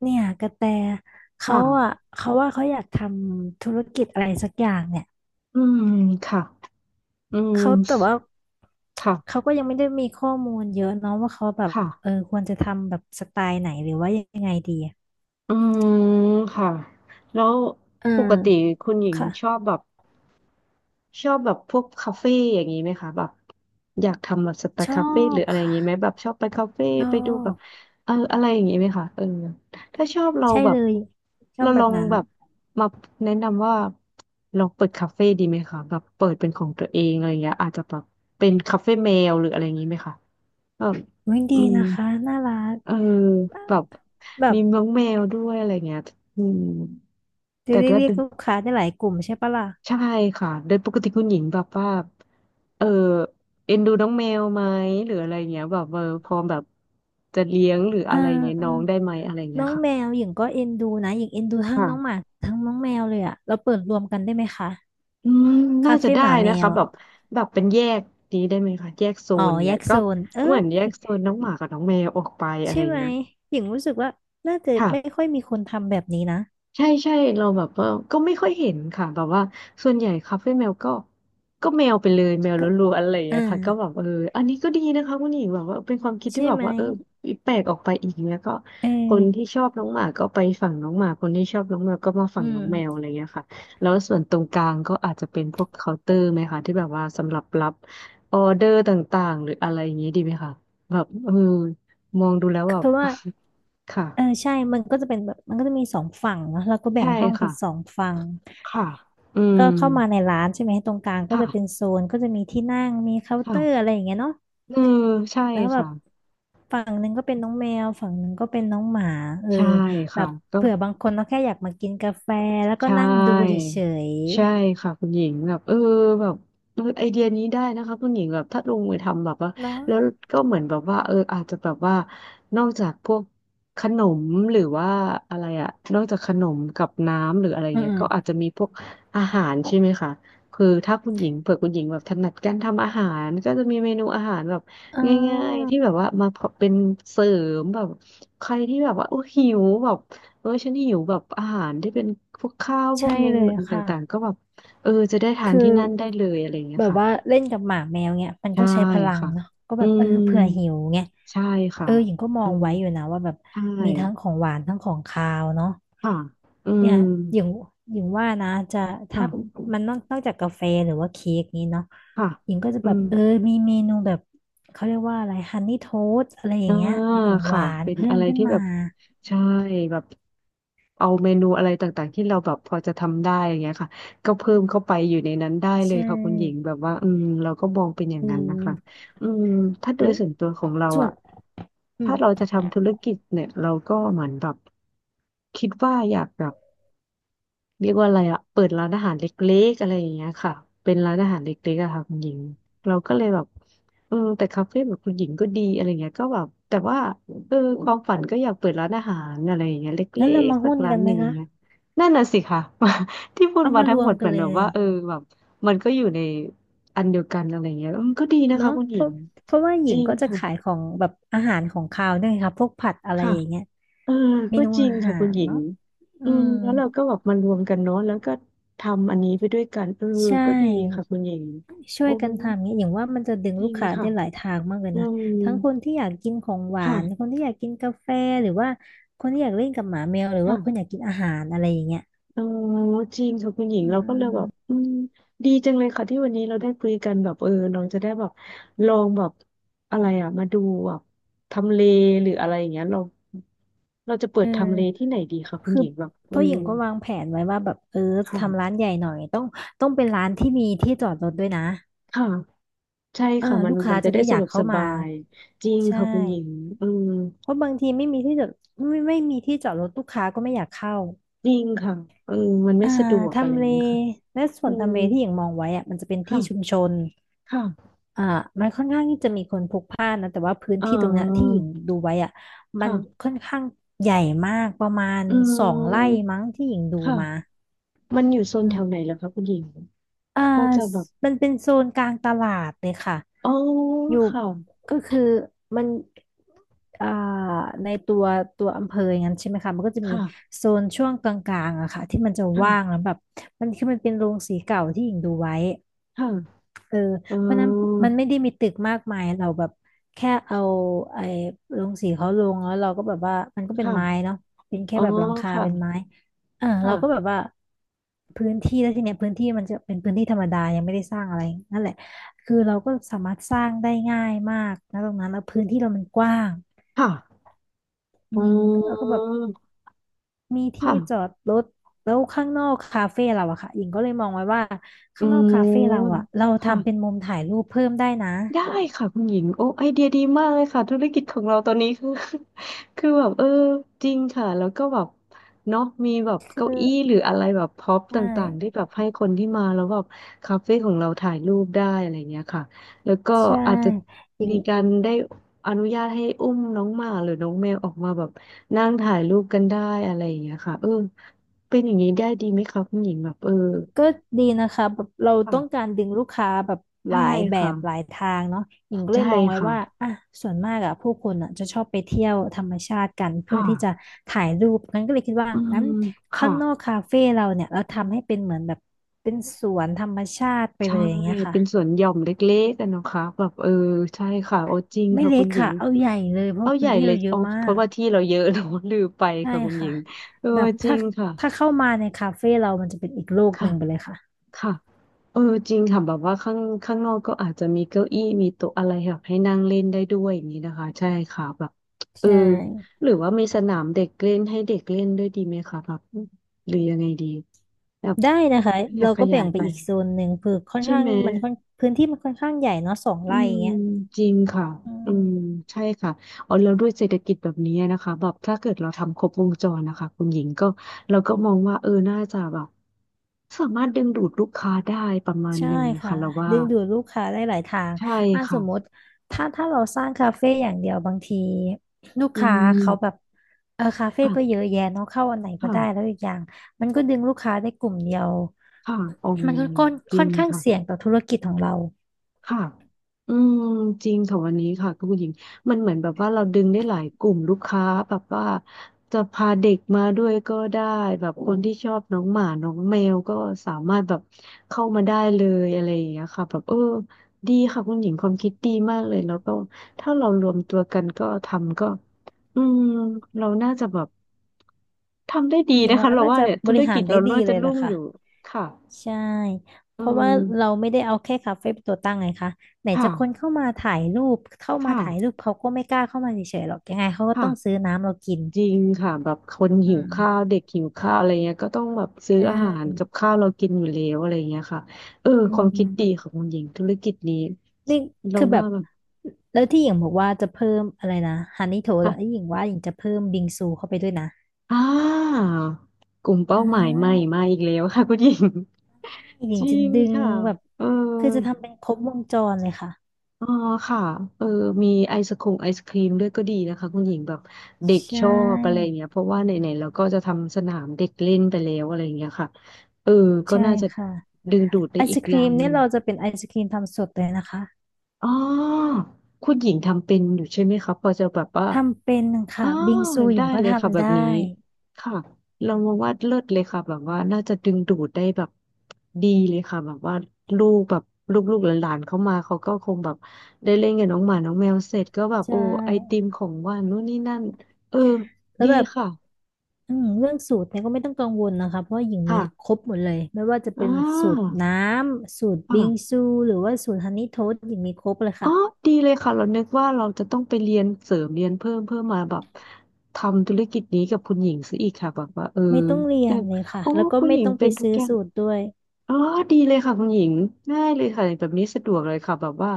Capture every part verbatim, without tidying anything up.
เนี่ยกระแตเขาค่ะอ่ะเขาว่าเขาอยากทำธุรกิจอะไรสักอย่างเนี่ยอืมค่ะอืมเขาแต่ว่าเขาค่ะก็ยังไม่ได้มีข้อมูลเยอะเนาะว่าเขาแบบค่ะเออควรจะทำแบบสไตล์ไหนหรือว่ายังไงดีอะอืมค่ะแล้วอืปมกติคุณหญิงค่ะชอบแบบชอบแบบพวกคาเฟ่อย่างนี้ไหมคะแบบอยากทำแบบสไตชล์อคาเฟ่หบรืออะไรอย่างนี้ไหมค่ะแบบชอบไปคาเฟ่ชอไปดูแบบบเอออะไรอย่างนี้ไหมคะเออถ้าชอบเราใช่แบเลบยชอเราบแบลอบงนั้นแบบมาแนะนำว่าลองเปิดคาเฟ่ดีไหมคะแบบเปิดเป็นของตัวเองอะไรอย่างเงี้ยอาจจะแบบเป็นคาเฟ่แมวหรืออะไรอย่างนี้ไหมคะเออวิ่งดีอืม นะคะน่ารักเออแบบแบมีบน้องแมวด้วยอะไรเงี้ยอืมจะแต่ได้ว่าเรียกลูกค้าได้หลายกลุ่มใช่ปะล่ะใช่ค่ะโดยปกติคุณหญิงแบบว่าเออเอ็นดูน้องแมวไหมหรืออะไรเงี้ยแบบเออพร้อมแบบจะเลี้ยงหรืออะอ่า ไรเงี้ยน้องได้ไหมอะไรเงี้น้ยองค่ะแมวหญิงก็เอ็นดูนะหญิงเอ็นดูทั้งน้องหมาค่ะทั้งน้องแมวเลยอะเราเปิดรวมกันได้ไหมคะอืมน่าคาจะเฟ่ได้หมาแมนะคะวแบอะบแบบเป็นแยกนี้ได้ไหมคะแยกโซอ๋อนแยเนี้ยกก็โซนเออเหมือนแยกโซนน้องหมากับน้องแมวออกไปอะไรใช่ไหมเงี้ยหญิงรู้สึกว่าน่าจะค่ะ ไม่ค่อยมีคนทำแบบนี้นะใช่ใช่เราแบบว่าก็ไม่ค่อยเห็นค่ะแบบว่าส่วนใหญ่คาเฟ่แมวก็ก็แมวไปเลยแมวก็ล้วนๆอะไรอย่างอ่าเงี้ยค่ะก็แบบเอออันนี้ก็ดีนะคะคุณหญิงแบบว่าเป็นความคิดที่ใช่แบบไหมว่าเออแปลกออกไปอีกเนี้ยก็เอคนอที่ชอบน้องหมาก็ไปฝั่งน้องหมาคนที่ชอบน้องแมวก็มาฝั่อืงน้มองแมวอะไรเงี้ยค่ะแล้วส่วนตรงกลางก็อาจจะเป็นพวกเคาน์เตอร์ไหมคะที่แบบว่าสำหรับรับออเดอร์ต่างๆหรืออะไรอย่างเงี้ยดีไหมคะแบบเออมองดูแล้วแบบ คือว่า ค่ะเออใช่มันก็จะเป็นแบบมันก็จะมีสองฝั่งเนอะแล้วก็แบ่ใช่งห้องเป็นสอค่ะ งฝั่งค่ะ อืม ก็เข้ามาในร้านใช่ไหมตรงกลางก็จะเป็นค่ะ โซนก็จะมีที่นั่งมีเคาน์เตอร์ค่ะอะไรอย่างเงี้ยเนาะ เออใช่แล้วแบค่ะ บฝั่งหนึ่งก็เป็นน้องแมวฝั่งหนึ่งก็เป็นน้องหมาเออใช่แบค่ะบก็ เผื่อบางคนเขาแค่อยากมากินกาแฟแล้วก็ใช่นั่งดูเฉยใช่ค่ะคุณหญิงแบบเออแบบเออไอเดียนี้ได้นะคะคุณหญิงแบบถ้าลงมือทำแบบว่าๆเนาะแล้วก็เหมือนแบบว่าเอออาจจะแบบว่านอกจากพวกขนมหรือว่าอะไรอะนอกจากขนมกับน้ำหรืออะไรอืมเงี้ๆยอืก็อาจมจะมีพวกอาหารใช่ไหมคะคือถ้าคุณหญิงเผื่อคุณหญิงแบบถนัดการทำอาหารก็จะมีเมนูอาหารแบบอ่ง่ายาๆที่แบบว่ามาเป็นเสริมแบบใครที่แบบว่าโอ้หิวแบบ เออฉันหิวแบบอาหารที่เป็นพวกข้าวพวใช่กเมเลนูยค่ะ ต่างๆก็แบบเออจะได้ทานคือที่นั่นได้เลยอะไรอย่างเงี้แบยบค่ะว่าเล่นกับหมาแมวเนี่ยมันใช่ก็ใช้พลังค่ะเนาะก็อืแบบเออมเผื่อหิวไงใช่ค่ะเออหญิงก็มออืงมไว้อยู่นะว่าแบบใช่มีทั้งของหวานทั้งของคาวเนาะค่ะอืเนี่มยหญิงหญิงว่านะจะค่ะถ้ามันนอกนอกจากกาแฟหรือว่าเค้กนี้เนาะค่ะหญิงก็จะอืแบบม เออมีเมนูแบบเขาเรียกว่าอะไรฮันนี่โทสอะไรอย่าอ่างเงี้ยเป็นของหค่ะวานเป็นเพิ่อะมไรขึ้นที่แบมาบใช่แบบเอาเมนูอะไรต่างๆที่เราแบบพอจะทำได้อย่างเงี้ยค่ะก็เพิ่มเข้าไปอยู่ในนั้นได้เลใชยค่ะคุณหญิง่แบบว่าอืมเราก็มองเป็นอย่างอืนั้นนะคะมอืมถ้าโดเอยอส่วนตัวของเราส่วนอ่ะอืถ้ามเราจะทำธุรกิจเนี่ยเราก็เหมือนแบบคิดว่าอยากแบบ เรียกว่าอะไรอะเปิดร้านอาหารเล็กๆอะไรอย่างเงี้ยค่ะเป็นร้านอาหารเล็กๆอะค่ะคุณหญิงเราก็เลยแบบเออแต่คาเฟ่แบบคุณหญิงก็ดีอะไรเงี้ยก็แบบแต่ว่าเออความฝันก็อยากเปิดร้านอาหารอะไรอย่างเงี้ยเลงั้็นเรากมาๆสักหุ้นร้ากันนไหหมนึ่งเงี้ยคะนั่นน่ะสิค่ะ ที่พูดเอามามาทั้รงวหมมดเหกัมืนอนเลแบบย ว่าเออแบบมันก็อยู่ในอันเดียวกันอะไรเงี้ยออมก็ดีนะคะเนาะคุณหเพญิราะงเพราะว่าหจญิริงงก็จะค่ะขายของแบบอาหารของคาวด้วยค่ะพวกผัดอะไรค่ะ อย่างเงี้ยเออเมก็นูจริอางหาค่ะคุณรหญิงเนาะอือืมมแล้วเราก็แบบมารวมกันเนาะแล้วก็ทำอันนี้ไปด้วยกันเออใชก็ดีค่ะ่ คุณหญิงช่วโอ้ยกันทำเงี้ยอย่างว่ามันจะดึงจลูริกงค้าค่ะได้หลายทางมากเลยอืนะมทั้งคนที่อยากกินของหวานคค่ะนที่อยากกินกาแฟหรือว่าคนที่อยากเล่นกับหมาแมวหรือว่าคนอค่ะยากกินอาหารอะไรอย่างเงี้ยเออจริงค่ะคุณหญิงอืเราก็เลยแบบมอืมดีจังเลยค่ะที่วันนี้เราได้คุยกันแบบเออเราจะได้แบบลองแบบอะไรอ่ะมาดูแบบทำเลหรืออะไรอย่างเงี้ยเราเราจะเปิเออดทำเลที่ไหนดีคะคุณคืหอญิงแบบเพเออราะหญิงก็วางแผนไว้ว่าแบบเออทำร้าค่ะนใหญ่หน่อยต้องต้องเป็นร้านที่มีที่จอดรถด้วยนะ ค่ะ ใช่เออค่ะมันลูกค้ามันจะจะได้ได้อสะยาดกวกเข้าสมาบายจริงใช่ค่ะคุณหญิงเออเพราะบางทีไม่มีที่จอดไม่ไม่มีที่จอดรถลูกค้าก็ไม่อยากเข้าจริงค่ะเออมันไม่อ่าสะดวกอะไรทำอเลย่างเงี้ยค่ะและส่อืวนมทำเลที่อย่างมองไว้อะมันจะเป็นที่ชุมค่ะชนค่ะอ่ามันค่อนข้างที่จะมีคนพลุกพล่านนะแต่ว่าพื้นอ่ที่ตรงเนี้ยที่าหญิงดูไว้อะมันค่ะค่อนข้างใหญ่มากประมาณอืสองไร่มมั้งที่หญิงดูมาค่ะมันอยู่โซนอืแถม วไหนเหรอคะคุณหญิงอ่าก็จะแบบมันเป็นโซนกลางตลาดเลยค่ะ อ๋ออยู่ค่ะก็คือมันอ่าในตัวตัวอำเภออย่างนั้นใช่ไหมคะมันก็จะมีค่ะโซนช่วงกลางๆอะค่ะที่มันจะว่างแล้วค่ะแบบมันคือมันเป็นโรงสีเก่าที่หญิงดูไว้ ค่ะเอออ๋เพราะนั้นอมันไม่ได้มีตึกมากมายเราแบบแค่เอาไอ้ลงสีเขาลงแล้วเราก็แบบว่ามันก็เป็นไม้ค่ะเนาะเป็นแค่อ๋อแบบหลังคาค่ะเป็นไม้อ่าเราก็แบค่ะบว่าพื้นที่แล้วทีเนี้ยพื้นที่มันจะเป็นพื้นที่ธรรมดายังไม่ได้สร้างอะไรนั่นแหละคือเราก็สามารถสร้างได้ง่ายมากนะตรงนั้นแล้วพื้นที่เรามันกว้างค่ะอือ๋มแล้วก็อแบบมีที่ค่ะจอดรถแล้วข้างนอกคาเฟ่เราอะค่ะหญิงก็เลยมองไว้ว่าอืข้างนอกคาเฟ่เราอะมเราค่ะ ทำเป็นมุมถ่ายรูปเพิ่มได้นะ ได้ค่ะคุณหญิงโอ้ไอเดียดีมากเลยค่ะธุรกิจของเราตอนนี้คือ คือแบบเออจริงค่ะแล้วก็แบบเนาะมีแบบเก้าอี้ก็หรืออะไรแบบพ็อปใชต่างๆที่่แบบให้คนที่มาแล้วแบบคาเฟ่ของเราถ่ายรูปได้อะไรเงี้ยค่ะแล้วก็ใช่อาจจะอย่างมีการได้อนุญาตให้อุ้มน้องหมาหรือน้องแมวออกมาแบบนั่งถ่ายรูปกันได้อะไรอย่างเงี้ยค่ะเออเป็นอย่างนี้ได้ดีไหมคะคุณหญิงแบบเออก็ดีนะคะแบบเราต้องกาค่ะรดึงลูกค้าแบบหใช่ลายแบค่ะบหลายทางเนาะหญิงก็เลใช่ยมองไว้ค่ะว่าอ่ะส่วนมากอะผู้คนอะจะชอบไปเที่ยวธรรมชาติกันเพื่อค่ะ ที่จะถ่ายรูปงั้นก็เลยคิดว่าอืงั้มนข้าค่ะงนอกคาเฟ่เราเนี่ยเราทำให้เป็นเหมือนแบบเป็นสวนธรรมชาติไปเลใช่ยอย่างเงี้ยค่ะเป็นสวนหย่อมเล็กๆกันนะคะแบบเออใช่ค่ะโอ้จริงไม่ค่ะเล็คุกณหญิค่ะงเอาใหญ่เลยเพเอาราะใหพื้นญ่ที่เลเรายเยอะเอามาเพราะกว่าที่เราเยอะเราลืมไปใช่ค่ะคุณหญิค่ะงเออแบบจริถ้างค่ะถ้าเข้ามาในคาเฟ่เรามันจะเป็นอีกโลกหค่ะนึ่งไปเลยค่ะค่ะเออจริงค่ะแบบว่าข้างข้างนอกก็อาจจะมีเก้าอี้มีโต๊ะอะไรแบบให้นั่งเล่นได้ด้วยอย่างนี้นะคะใช่ค่ะแบบเออใช่ หรือว่ามีสนามเด็กเล่นให้เด็กเล่นด้วยดีไหมคะแบบหรือยังไงดีแบบได้นะคะขยัเราบขก็ยาแบ่ยงไปไปอีกโซนหนึ่งคือค่อนใช่ข้างไหม มันค่อนพื้นที่มันค่อนข้างใหญ่เนาะสองอืไร่อย่ามงเงี้ยจริงค่ะอือืมมใช่ค่ะเอาแล้วด้วยเศรษฐกิจแบบนี้นะคะแบบถ้าเกิดเราทำครบวงจรนะคะคุณหญิงก็เราก็มองว่าเออน่าจะแบบสามารถดึงดูดลูกค้าได้ประมาณใช่หนึ่งนะค่ะคะเราว่าดึงดูดลูกค้าได้หลายทางใช่อ่ะสค่ะมมติถ้าถ้าเราสร้างคาเฟ่อย่างเดียวบางทีลูกอืค้าเขาแบมบเออคาเฟ่ก็เยค่ะอะแยะเนาะเข้าอันไหนก็ได้แล้ค่ะวอีกอย่างมันก็ดึงลูกค้าได้กลุ่มเดียวค่ะอ๋อมันก็ค่อนจริค่องนข้างค่ะ เสี่ยงต่อธุรกิจของเราค่ะอืมจริงค่ะวันนี้ค่ะคุณผู้หญิงมันเหมือนแบบว่าเราดึงได้หลายกลุ่มลูกค้าแบบว่าจะพาเด็กมาด้วยก็ได้แบบคนที่ชอบน้องหมาน้องแมวก็สามารถแบบเข้ามาได้เลยอะไรอย่างเงี้ยค่ะแบบเออดีค่ะคุณหญิงความคิดดีมากเลยแล้วก็ถ้าเรารวมตัวกันก็ทำก็อืมเราน่าจะแบบทำได้ดีอย่างนะว่าคะเราน่าว่าจะเนี่ยบธุรริหากิรจได้เราดีน่าเลจะยรุ่ล่ะงอค่ะ ยู่ค่ะใช่เพอืราะว่ามเราไม่ได้เอาแค่คาเฟ่เป็นตัวตั้งไงคะไหนจะคนค่ะเข้ามาถ่ายรูปเข้ามาค่ะถ่ายรูปเขาก็ไม่กล้าเข้ามาเฉยๆหรอกยังไงเขาก็ต้องซื้ค่ะ อน้ำเรากินจริงค่ะแบบคนอืหิวมข้าวเด็กหิวข้าวอะไรเงี้ยก็ต้องแบบซื้อใชอาหาร่กับข้าวเรากินอยู่แล้วอะไรเงี้ยค่ะเอออืความคิดดีมของคุณหญิงธุรกิจนี้นี่เราคือแบว่าบแบบแล้วที่หญิงบอกว่าจะเพิ่มอะไรนะฮันนี่โถแล้อ่ะวหญิงว่าหญิงจะเพิ่มบิงซูเข้าไปด้วยนะอ่ากลุ่มเป้าอ่หมายใหม่ามาอีกแล้วค่ะคุณหญิง หญิจงริจะงดึงค่ะแบบเออ คือจะทำเป็นครบวงจรเลยค่ะอ๋อค่ะเออมีไอศคงไอศครีมด้วยก็ดีนะคะคุณหญิงแบบเด็กใชชอบอะไรอ่ย่างเงี้ยเพราะว่าไหนๆเราก็จะทำสนามเด็กเล่นไปแล้วอะไรอย่างเงี้ยค่ะเออก็ใช่น่าจะค่ะดึงดูดไอได้อีศกคอย่ารีมงหเนี่นึ่ยงเราจะเป็นไอศครีมทำสดเลยนะคะ อ๋อคุณหญิงทำเป็นอยู่ใช่ไหมคะพอจะแบบว่า ทำเป็นอ๋ค่ะอบิงซูหยได้งก็เลยค่ะแบทำบนี้ได้ค่ะเรามาว่าเลิศเลยค่ะแบบว่าน่าจะดึงดูดได้แบบดีเลยค่ะแบบว่าลูกแบบลูกๆหลานๆเข้ามาเขาก็คงแบบได้เล่นกับน้องหมาน้องแมวเสร็จก็แบบใชโอ้ไอติ่มของว่านนู่นนี่นั่นเออแล้วดีแบบค่ะอืมเรื่องสูตรเนี่ยก็ไม่ต้องกังวลนะคะเพราะว่าหญิงมีค่ะครบหมดเลยไม่ว่าจะอ่เป็นสูตราน้ำสูตรบิงค่ะซูหรือว่าสูตรฮันนี่โทสต์หญิงมีครบเลยอ๋อค่ะดีเลยค่ะเรานึกว่าเราจะต้องไปเรียนเสริมเรียนเพิ่มเพื่อมาแบบทำธุรกิจนี้กับคุณหญิงซะอีกค่ะแบบว่าเออไม่ต้องเรียแต่นเลยค่ะโอ้แล้วก็คุณไม่หญิงต้องไปเป็นทุกซื้ออย่าง สูตรด้วยอ๋อดีเลยค่ะคุณหญิงง่ายเลยค่ะแบบนี้สะดวกเลยค่ะแบบว่า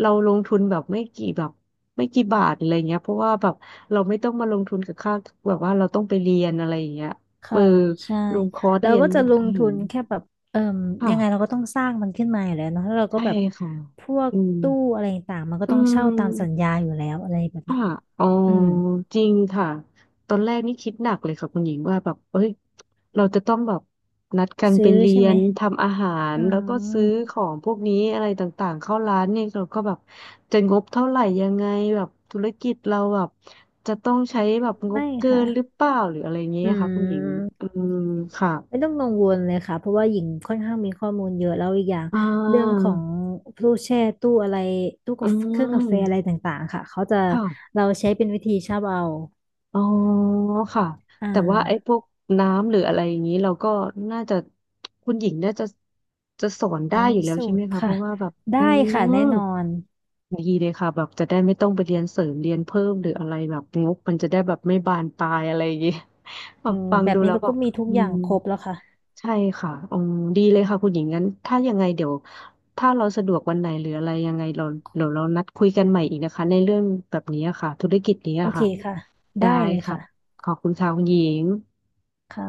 เราลงทุนแบบไม่กี่แบบไม่กี่บาทอะไรเงี้ยเพราะว่าแบบเราไม่ต้องมาลงทุนกับค่าแบบว่าเราต้องไปเรียนอะไรอย่างเงี้ยเออค่ะใช่ลงคอร์สเราเรียนก็จะลอางหาทุรนแค่แบบเอ่มยังไงเราค่ะก็ต้องสร้างมันขึ้นมาอยู่แล้วเนาะแล้วเราก็ใช่แบบค่ะพวกอืมตู้อะไรต่างๆมันก็อืต้องเช่าตามสัญม ญาอยู่แล้วอะไรแบบเนี้ค่ะยอ๋ออืมจริงค่ะตอนแรกนี่คิดหนักเลยค่ะคุณหญิงว่าแบบเอ้ยเราจะต้องแบบนัดกันซื้ไปอเรีใช่ยไหม นทำอาหารอ๋แล้วก็ซื้ออของพวกนี้อะไรต่างๆเข้าร้านเนี่ยเราก็แบบจะงบเท่าไหร่ยังไงแบบธุรกิจเราแบบจะต้องใช้แบบงบไม่เกิค่ะนหรือเปล่าหรืออะไรเงี้อืยค่ะคุณหญิงมอืมค่ะไม่ต้องกังวลเลยค่ะเพราะว่าหญิงค่อนข้างมีข้อมูลเยอะแล้วอีกอย่างอ่เรื่องขาองตู้แช่ตู้อะไรตู้อืกาแฟเครื่องกาแฟอะไรมต่างๆค่ะเขาจะค่ะ เราใช้เป็นวิธีชอบเอาอ๋อค่ะอ่แต่ว่าไอ้าพวกน้ำหรืออะไรอย่างนี้เราก็น่าจะคุณหญิงน่าจะจะสอนหญิได้งอมียู่แล้วสูใช่ไหมตรคะเพค่ะราะว่าแบบได้อืค่ะมแน่นอนดีเลยค่ะแบบจะได้ไม่ต้องไปเรียนเสริมเรียนเพิ่มหรืออะไรแบบงกมันจะได้แบบไม่บานปลายอะไรอย่างนี้ แบอืบมฟังแบบดูนี้แล้วเราแบก็บมีทุกอือย่างมครบแล้วค่ะใช่ค่ะอ๋อดีเลยค่ะคุณหญิงงั้นถ้ายังไงเดี๋ยวถ้าเราสะดวกวันไหนหรืออะไรยังไงเราเดี๋ยวเรานัดคุยกันใหม่อีกนะคะในเรื่องแบบนี้อะค่ะธุรกิจนี้โออะเคค่ะ ค่ะได้ได้เลยค่ะค่ะขอบคุณค่ะคุณหญิงค่ะ